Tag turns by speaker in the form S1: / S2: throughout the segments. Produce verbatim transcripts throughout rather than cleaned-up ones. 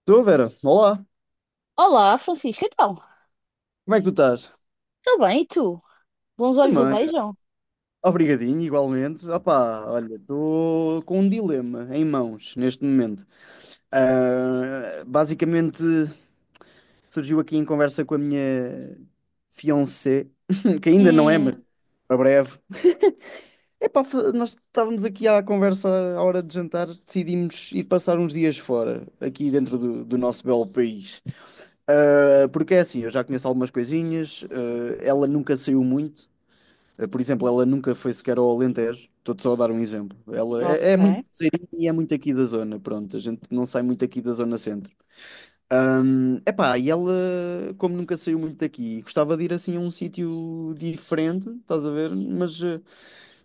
S1: Estou, Vera. Olá.
S2: Olá, Francisco, então,
S1: Como é que tu estás?
S2: tudo bem? E tu? Bons olhos o
S1: Também.
S2: beijam?
S1: Obrigadinho, igualmente. Opá, olha, estou com um dilema em mãos neste momento. Ah, basicamente, surgiu aqui em conversa com a minha fiancée, que ainda não é, mas
S2: Hum.
S1: para breve. Epá, fa- nós estávamos aqui à conversa à hora de jantar, decidimos ir passar uns dias fora, aqui dentro do, do nosso belo país. Ah, porque é assim, eu já conheço algumas coisinhas, ah, ela nunca saiu muito. Eh, Por exemplo, ela nunca foi sequer ao Alentejo. Estou-te só a dar um exemplo. Ela é, é muito
S2: Ok.
S1: ribeirinha e é muito aqui da zona. Pronto, a gente não sai muito aqui da zona centro. Ahm, epá, e ela, como nunca saiu muito daqui, gostava de ir assim a um sítio diferente, estás a ver? Mas, eh,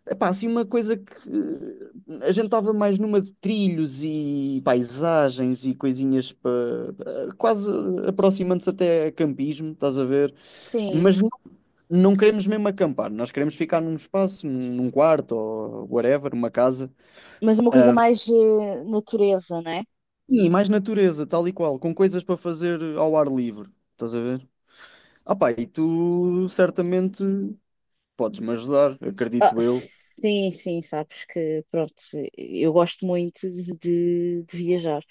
S1: epá, assim uma coisa que eh, a gente estava mais numa de trilhos e paisagens e coisinhas para quase aproximando-se até a campismo, estás a ver?
S2: Sim,
S1: Mas não queremos mesmo acampar, nós queremos ficar num espaço, num quarto ou whatever, uma casa.
S2: mas uma coisa mais eh, natureza, né?
S1: E mais natureza, tal e qual, com coisas para fazer ao ar livre. Estás a ver? Ah pá, e tu certamente podes-me ajudar,
S2: Ah,
S1: acredito eu.
S2: sim, sim, sabes que, pronto, eu gosto muito de, de- de viajar.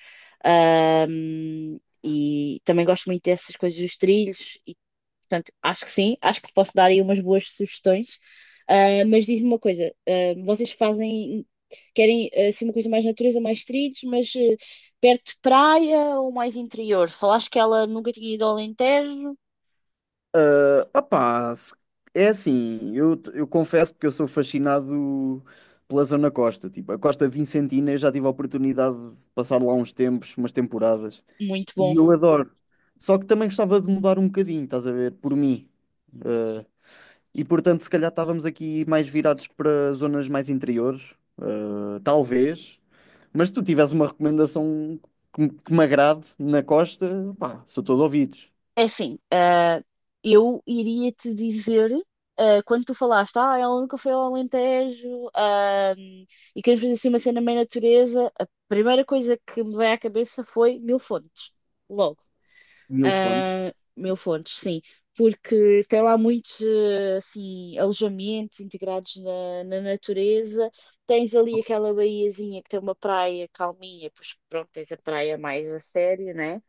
S2: Ahm, e também gosto muito dessas coisas dos trilhos. Portanto, acho que sim, acho que te posso dar aí umas boas sugestões. Ah, mas diz-me uma coisa, ah, vocês fazem, querem ah, assim uma coisa mais natureza, mais trilhos, mas eh, perto de praia ou mais interior? Falaste que ela nunca tinha ido ao Alentejo.
S1: Ah pá, se- é assim, eu, eu confesso que eu sou fascinado pela zona costa. Tipo, a Costa Vicentina eu já tive a oportunidade de passar lá uns tempos, umas temporadas.
S2: Muito
S1: E
S2: bom.
S1: eu adoro. Só que também gostava de mudar um bocadinho, estás a ver? Por mim. Ah, E portanto, se calhar estávamos aqui mais virados para zonas mais interiores, eh, talvez. Mas se tu tivesse uma recomendação que, me que me agrade na costa, pá, sou todo ouvidos.
S2: É assim, ah, eu iria te dizer, ah, quando tu falaste, ah, ela nunca foi ao Alentejo, ah, e queremos fazer assim uma cena meio natureza. A primeira coisa que me veio à cabeça foi Mil Fontes, logo.
S1: Mil fontes.
S2: Ah, Mil Fontes, sim, porque tem lá muitos eh, assim, alojamentos integrados na, na natureza. Tens ali aquela baiazinha que tem uma praia calminha, pois pronto, tens a praia mais a sério, né?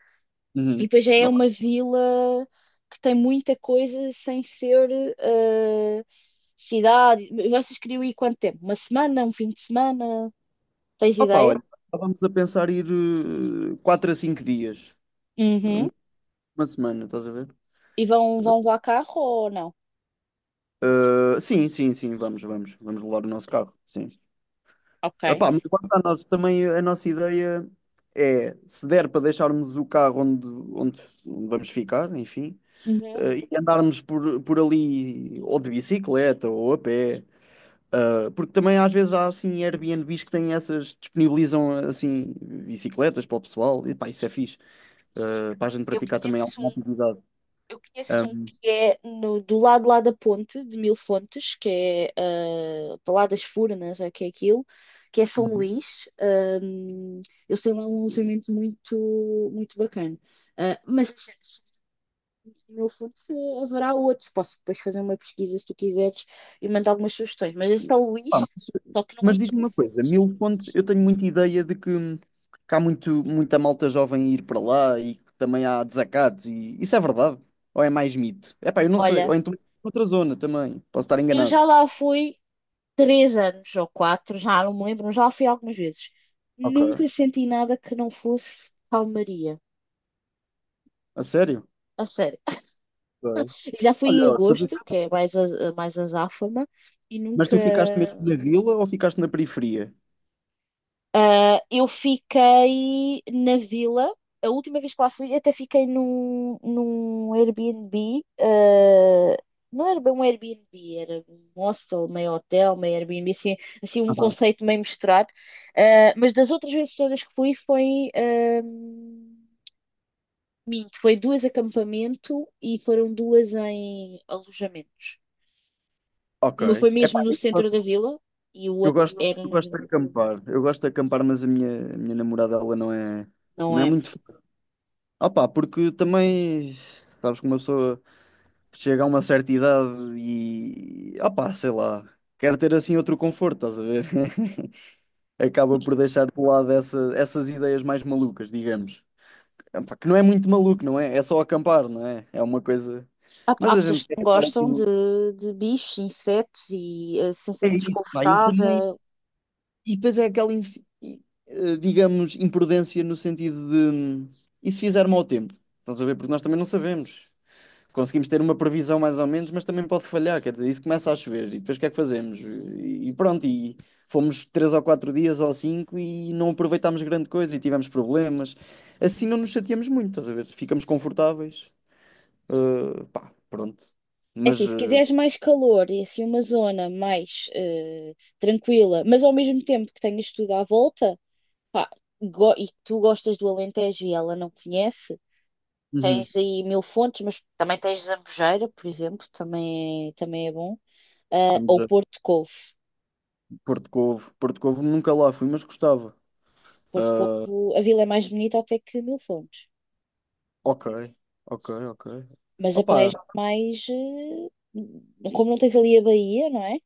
S2: E
S1: Uhum.
S2: depois já é
S1: Ok.
S2: uma vila que tem muita coisa sem ser eh, cidade. Vocês queriam ir quanto tempo? Uma semana, um fim de semana? Tens
S1: Opa,
S2: ideia?
S1: olha, estávamos a pensar ir eh, quatro a cinco dias,
S2: Uhum.
S1: uma semana, estás a ver?
S2: E vão, vão lá carro ou não?
S1: Eh, sim, sim, sim, vamos, vamos, vamos levar o nosso carro, sim.
S2: Ok.
S1: Epá, mas lá está, nós também a nossa ideia é, se der para deixarmos o carro onde, onde vamos ficar, enfim,
S2: Uhum.
S1: eh, e andarmos por, por ali ou de bicicleta ou a pé, eh, porque também às vezes há assim Airbnbs que têm essas, disponibilizam assim bicicletas para o pessoal, e pá, isso é fixe, eh, para a gente
S2: Eu
S1: praticar também
S2: conheço.
S1: alguma atividade.
S2: Eu conheço um
S1: Ahm,
S2: que é no, do lado lá da ponte de Mil Fontes, que é ah, para lá das Furnas, é que é aquilo, que é São Luís. Ahm, eu sei lá um alojamento muito, muito bacana. Ah, mas assim, se em Mil Fontes eh, haverá outros. Posso depois fazer uma pesquisa se tu quiseres e mandar algumas sugestões. Mas é São
S1: Ah,
S2: Luís,
S1: mas
S2: só que não é
S1: mas
S2: em
S1: diz-me
S2: Mil
S1: uma coisa,
S2: Fontes.
S1: Mil Fontes, eu tenho muita ideia de que, que há muito, muita malta jovem ir para lá e que também há desacatos e isso é verdade? Ou é mais mito? É pá, eu não sei.
S2: Olha,
S1: Ou então é outra zona também, posso estar
S2: eu
S1: enganado.
S2: já lá fui três anos ou quatro, já não me lembro, mas já fui algumas vezes.
S1: Ok,
S2: Nunca senti nada que não fosse calmaria.
S1: a sério?
S2: A sério.
S1: Ok.
S2: Já fui em
S1: Olha, mas,
S2: agosto, que
S1: isso-
S2: é mais a, mais azáfama, e
S1: mas
S2: nunca.
S1: tu ficaste mesmo na vila ou ficaste na periferia?
S2: Ah, eu fiquei na vila. A última vez que lá fui, até fiquei num, num Airbnb. ah, não era bem um Airbnb, era um hostel, meio hotel, meio Airbnb, assim, assim um
S1: Aham.
S2: conceito meio misturado. Ah, mas das outras vezes todas que fui, foi. ah, minto, foi duas acampamento e foram duas em alojamentos.
S1: Ok.
S2: Uma foi mesmo
S1: Epá,
S2: no
S1: eu
S2: centro da
S1: gosto,
S2: vila e o
S1: eu
S2: outro
S1: gosto
S2: era
S1: eu
S2: na
S1: gosto de
S2: vila.
S1: acampar. Eu gosto de acampar, mas a minha, a minha namorada, ela não é,
S2: Não
S1: não é
S2: é?
S1: muito fã. Opá, porque também, sabes que uma pessoa chega a uma certa idade e, opa sei lá, quer ter assim outro conforto, estás a ver? Acaba por deixar de lado essa, essas ideias mais malucas, digamos. Epá, que não é muito maluco, não é? É só acampar, não é? É uma coisa.
S2: Há, há
S1: Mas a
S2: pessoas
S1: gente
S2: que
S1: quer
S2: não
S1: ficar
S2: gostam
S1: assim.
S2: de, de bichos, insetos e a
S1: É
S2: sensação
S1: isso, pá, e também
S2: desconfortável.
S1: e depois é aquela, insi- eh, digamos, imprudência no sentido de hum, e se fizer mau tempo? Estás a ver? Porque nós também não sabemos. Conseguimos ter uma previsão mais ou menos, mas também pode falhar. Quer dizer, isso começa a chover e depois o que é que fazemos? E e pronto, e fomos três ou quatro dias ou cinco e não aproveitámos grande coisa e tivemos problemas. Assim não nos chateamos muito, estás a ver? Ficamos confortáveis. Eh, pá, pronto.
S2: É assim,
S1: Mas
S2: se
S1: eh,
S2: quiseres mais calor e assim uma zona mais eh, tranquila, mas ao mesmo tempo que tenhas tudo à volta, pá, go- e que tu gostas do Alentejo e ela não conhece,
S1: uhum,
S2: tens aí Mil Fontes, mas também tens Zambujeira, por exemplo, também é, também é bom. Ah,
S1: estamos
S2: ou
S1: a
S2: Porto Covo.
S1: Porto Covo. Porto Covo nunca lá fui, mas gostava.
S2: Porto
S1: Ah,
S2: Covo, a vila é mais bonita até que Mil Fontes.
S1: Ok, ok, ok.
S2: Mas a praia é
S1: Opa,
S2: mais. eh, Como não tens ali a baía, não é?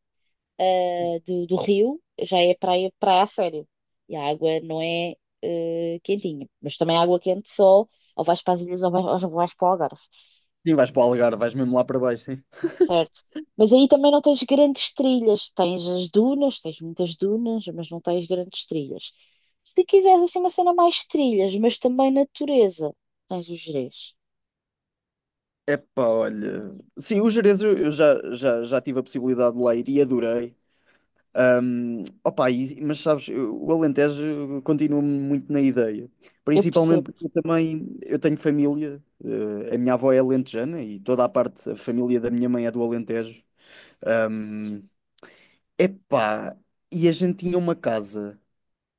S2: Ah, do, do rio, já é praia, praia a sério. E a água não é eh, quentinha. Mas também a água quente só, ou vais para as ilhas ou vais, ou não vais para o Algarve,
S1: sim, vais para o Algarve, vais mesmo lá para baixo, sim.
S2: certo? Mas aí também não tens grandes trilhas. Tens as dunas, tens muitas dunas, mas não tens grandes trilhas. Se quiseres assim uma cena mais trilhas, mas também natureza, tens os Gerês.
S1: Epá, olha. Sim, o Gerês eu, eu já, já, já tive a possibilidade de lá ir e adorei. Ahm, opa, e- mas sabes, eu- o Alentejo continua muito na ideia.
S2: Eu
S1: Principalmente
S2: percebo.
S1: porque eu também eu tenho família, eh, a minha avó é alentejana e toda a parte, a família da minha mãe é do Alentejo. Ahm, Epá, e a gente tinha uma casa,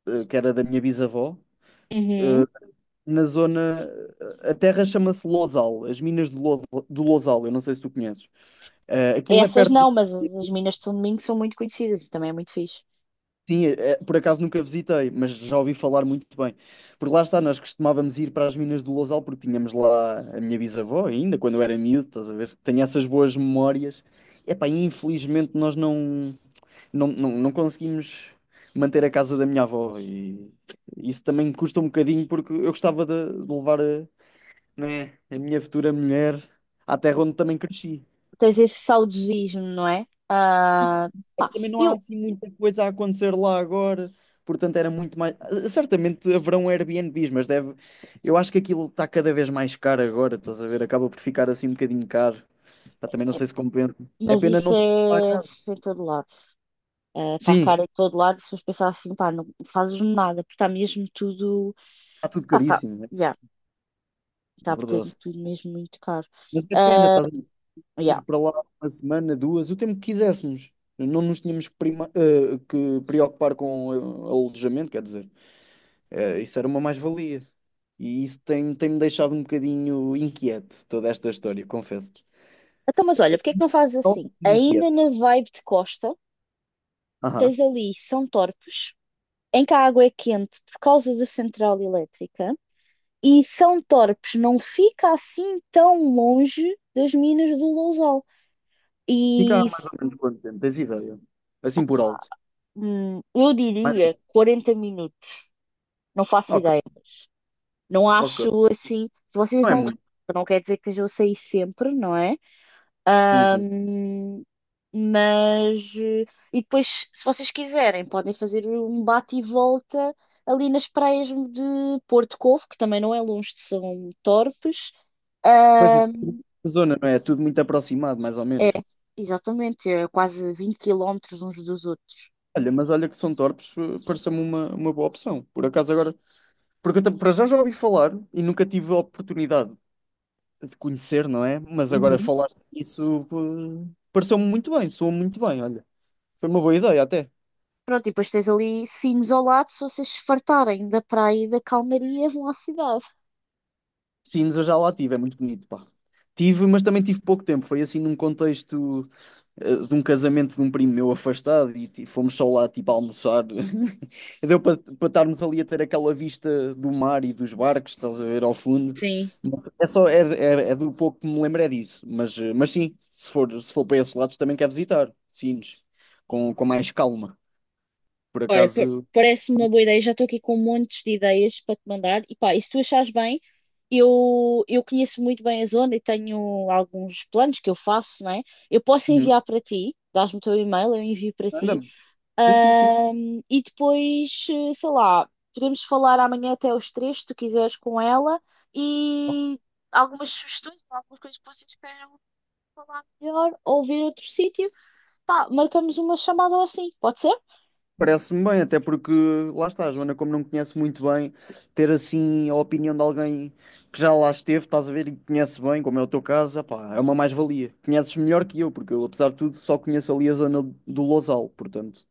S1: eh, que era da minha bisavó,
S2: Uhum.
S1: eh, na zona. A terra chama-se Losal, as minas de Lo- do Losal, eu não sei se tu conheces. Eh, aquilo é
S2: Essas
S1: perto
S2: não,
S1: de.
S2: mas as as minas de São Domingos são muito conhecidas e também é muito fixe.
S1: Sim, eh, eh, por acaso nunca visitei, mas já ouvi falar muito bem. Porque lá está, nós costumávamos ir para as minas do Lousal, porque tínhamos lá a minha bisavó ainda, quando eu era miúdo, estás a ver? Tenho essas boas memórias. Epá, infelizmente nós não, não, não, não conseguimos manter a casa da minha avó e isso também me custa um bocadinho porque eu gostava de, de levar a, né? A minha futura mulher, à terra onde também cresci.
S2: Tens esse saudosismo, não é?
S1: Sim.
S2: Ah,
S1: Só
S2: pá,
S1: que também não há
S2: eu,
S1: assim muita coisa a acontecer lá agora. Portanto, era muito mais. ah, Certamente haverão Airbnbs, mas deve. Eu acho que aquilo está cada vez mais caro agora, estás a ver? Acaba por ficar assim um bocadinho caro. Pá, também não sei se compensa. É
S2: mas
S1: pena
S2: isso
S1: não ter lá a
S2: é
S1: casa.
S2: em todo lado. Está
S1: Sim,
S2: caro em todo lado. Se fores pensar assim, pá, não fazes nada, porque está mesmo tudo.
S1: está tudo
S2: Pá, está.
S1: caríssimo, né?
S2: Já,
S1: É
S2: está
S1: verdade.
S2: tudo mesmo muito caro.
S1: Mas é pena,
S2: ah
S1: estás a ver, ir
S2: já.
S1: para lá uma semana, duas, o tempo que quiséssemos. Não nos tínhamos que, prima- eh, que preocupar com eh, alojamento, quer dizer. Eh, isso era uma mais-valia. E isso tem, tem-me deixado um bocadinho inquieto, toda esta história, confesso-te.
S2: Então, mas olha, porque é que não fazes assim?
S1: Talvez
S2: Ainda
S1: inquieto.
S2: na vibe de Costa,
S1: Aham.
S2: tens ali São Torpes, em que a água é quente por causa da central elétrica. E São Torpes não fica assim tão longe das minas do Lousal.
S1: Fica há
S2: E
S1: mais ou menos quanto tempo, tens ideia? Assim por alto.
S2: hum, eu
S1: Mais...
S2: diria quarenta minutos. Não faço
S1: Ok,
S2: ideia, mas não
S1: ok.
S2: acho assim. Se vocês
S1: Não é
S2: vão de carro,
S1: muito.
S2: não quer dizer que eu saí sempre, não é?
S1: Sim, sim.
S2: Ahm, mas. eh, E depois, se vocês quiserem, podem fazer um bate e volta ali nas praias de Porto Covo, que também não é longe de São Torpes.
S1: Pois
S2: Ah,
S1: isso, a zona, não é? É tudo muito aproximado, mais ou
S2: é,
S1: menos.
S2: exatamente, é quase vinte quilómetros uns dos outros.
S1: Olha, mas olha que São Torpes eh, pareceu-me uma, uma boa opção. Por acaso agora. Porque eu tam- para já já ouvi falar e nunca tive a oportunidade de conhecer, não é? Mas agora
S2: Uhum.
S1: falaste isso, eh, pareceu-me muito bem, soou muito bem, olha. Foi uma boa ideia até.
S2: Pronto, e depois tens ali Sines ao lado, se vocês se fartarem da praia e da calmaria, vão à cidade.
S1: Sines eu já lá tive, é muito bonito, pá. Tive, mas também tive pouco tempo. Foi assim num contexto eh, de um casamento de um primo meu afastado e ti- fomos só lá tipo a almoçar. Deu para para estarmos ali a ter aquela vista do mar e dos barcos, estás a ver ao fundo.
S2: Sim.
S1: É só, é, é, é do pouco que me lembro é disso. Mas, eh, mas sim, se for, se for para esses lados também quer visitar. Sines, com, com mais calma. Por
S2: Olha, pa-
S1: acaso.
S2: parece-me uma boa ideia. Já estou aqui com montes de ideias para te mandar. E pá, e se tu achares bem, eu, eu conheço muito bem a zona e tenho alguns planos que eu faço, não é? Eu posso
S1: Uhum.
S2: enviar para ti, dás-me o teu e-mail, eu envio para ti.
S1: Anda-me. Sim, sim, sim.
S2: Ahm, e depois, eh, sei lá, podemos falar amanhã até aos três, se tu quiseres, com ela e algumas sugestões, algumas coisas que vocês queiram falar melhor ou ver outro sítio. Pá, marcamos uma chamada ou assim, pode ser?
S1: Parece-me bem, até porque lá está, a Joana, como não me conhece muito bem, ter assim a opinião de alguém que já lá esteve, estás a ver, e conhece bem, como é o teu caso, epá, é uma mais-valia. Conheces melhor que eu, porque eu, apesar de tudo, só conheço ali a zona do Lousal, portanto,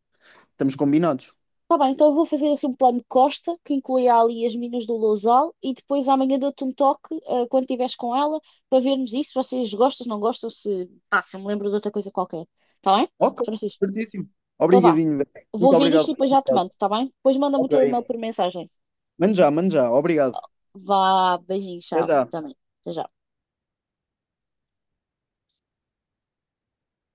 S1: estamos combinados.
S2: Tá bem, então eu vou fazer assim um plano de Costa que inclui ali as minas do Lousal e depois amanhã dou-te um toque, eh, quando estiveres com ela para vermos isso, se vocês gostam, se não gostam, se, pá, se eu me lembro de outra coisa qualquer. Tá bem?
S1: Ok,
S2: Francisco?
S1: certíssimo.
S2: Então vá.
S1: Obrigadinho, velho.
S2: Vou
S1: Muito
S2: ver isto e
S1: obrigado.
S2: depois já te mando, tá bem? Depois manda-me o
S1: Ok,
S2: teu e-mail por mensagem.
S1: mano já, mano já, obrigado.
S2: Vá, beijinho,
S1: Até
S2: tchau.
S1: já.
S2: Também. Até já.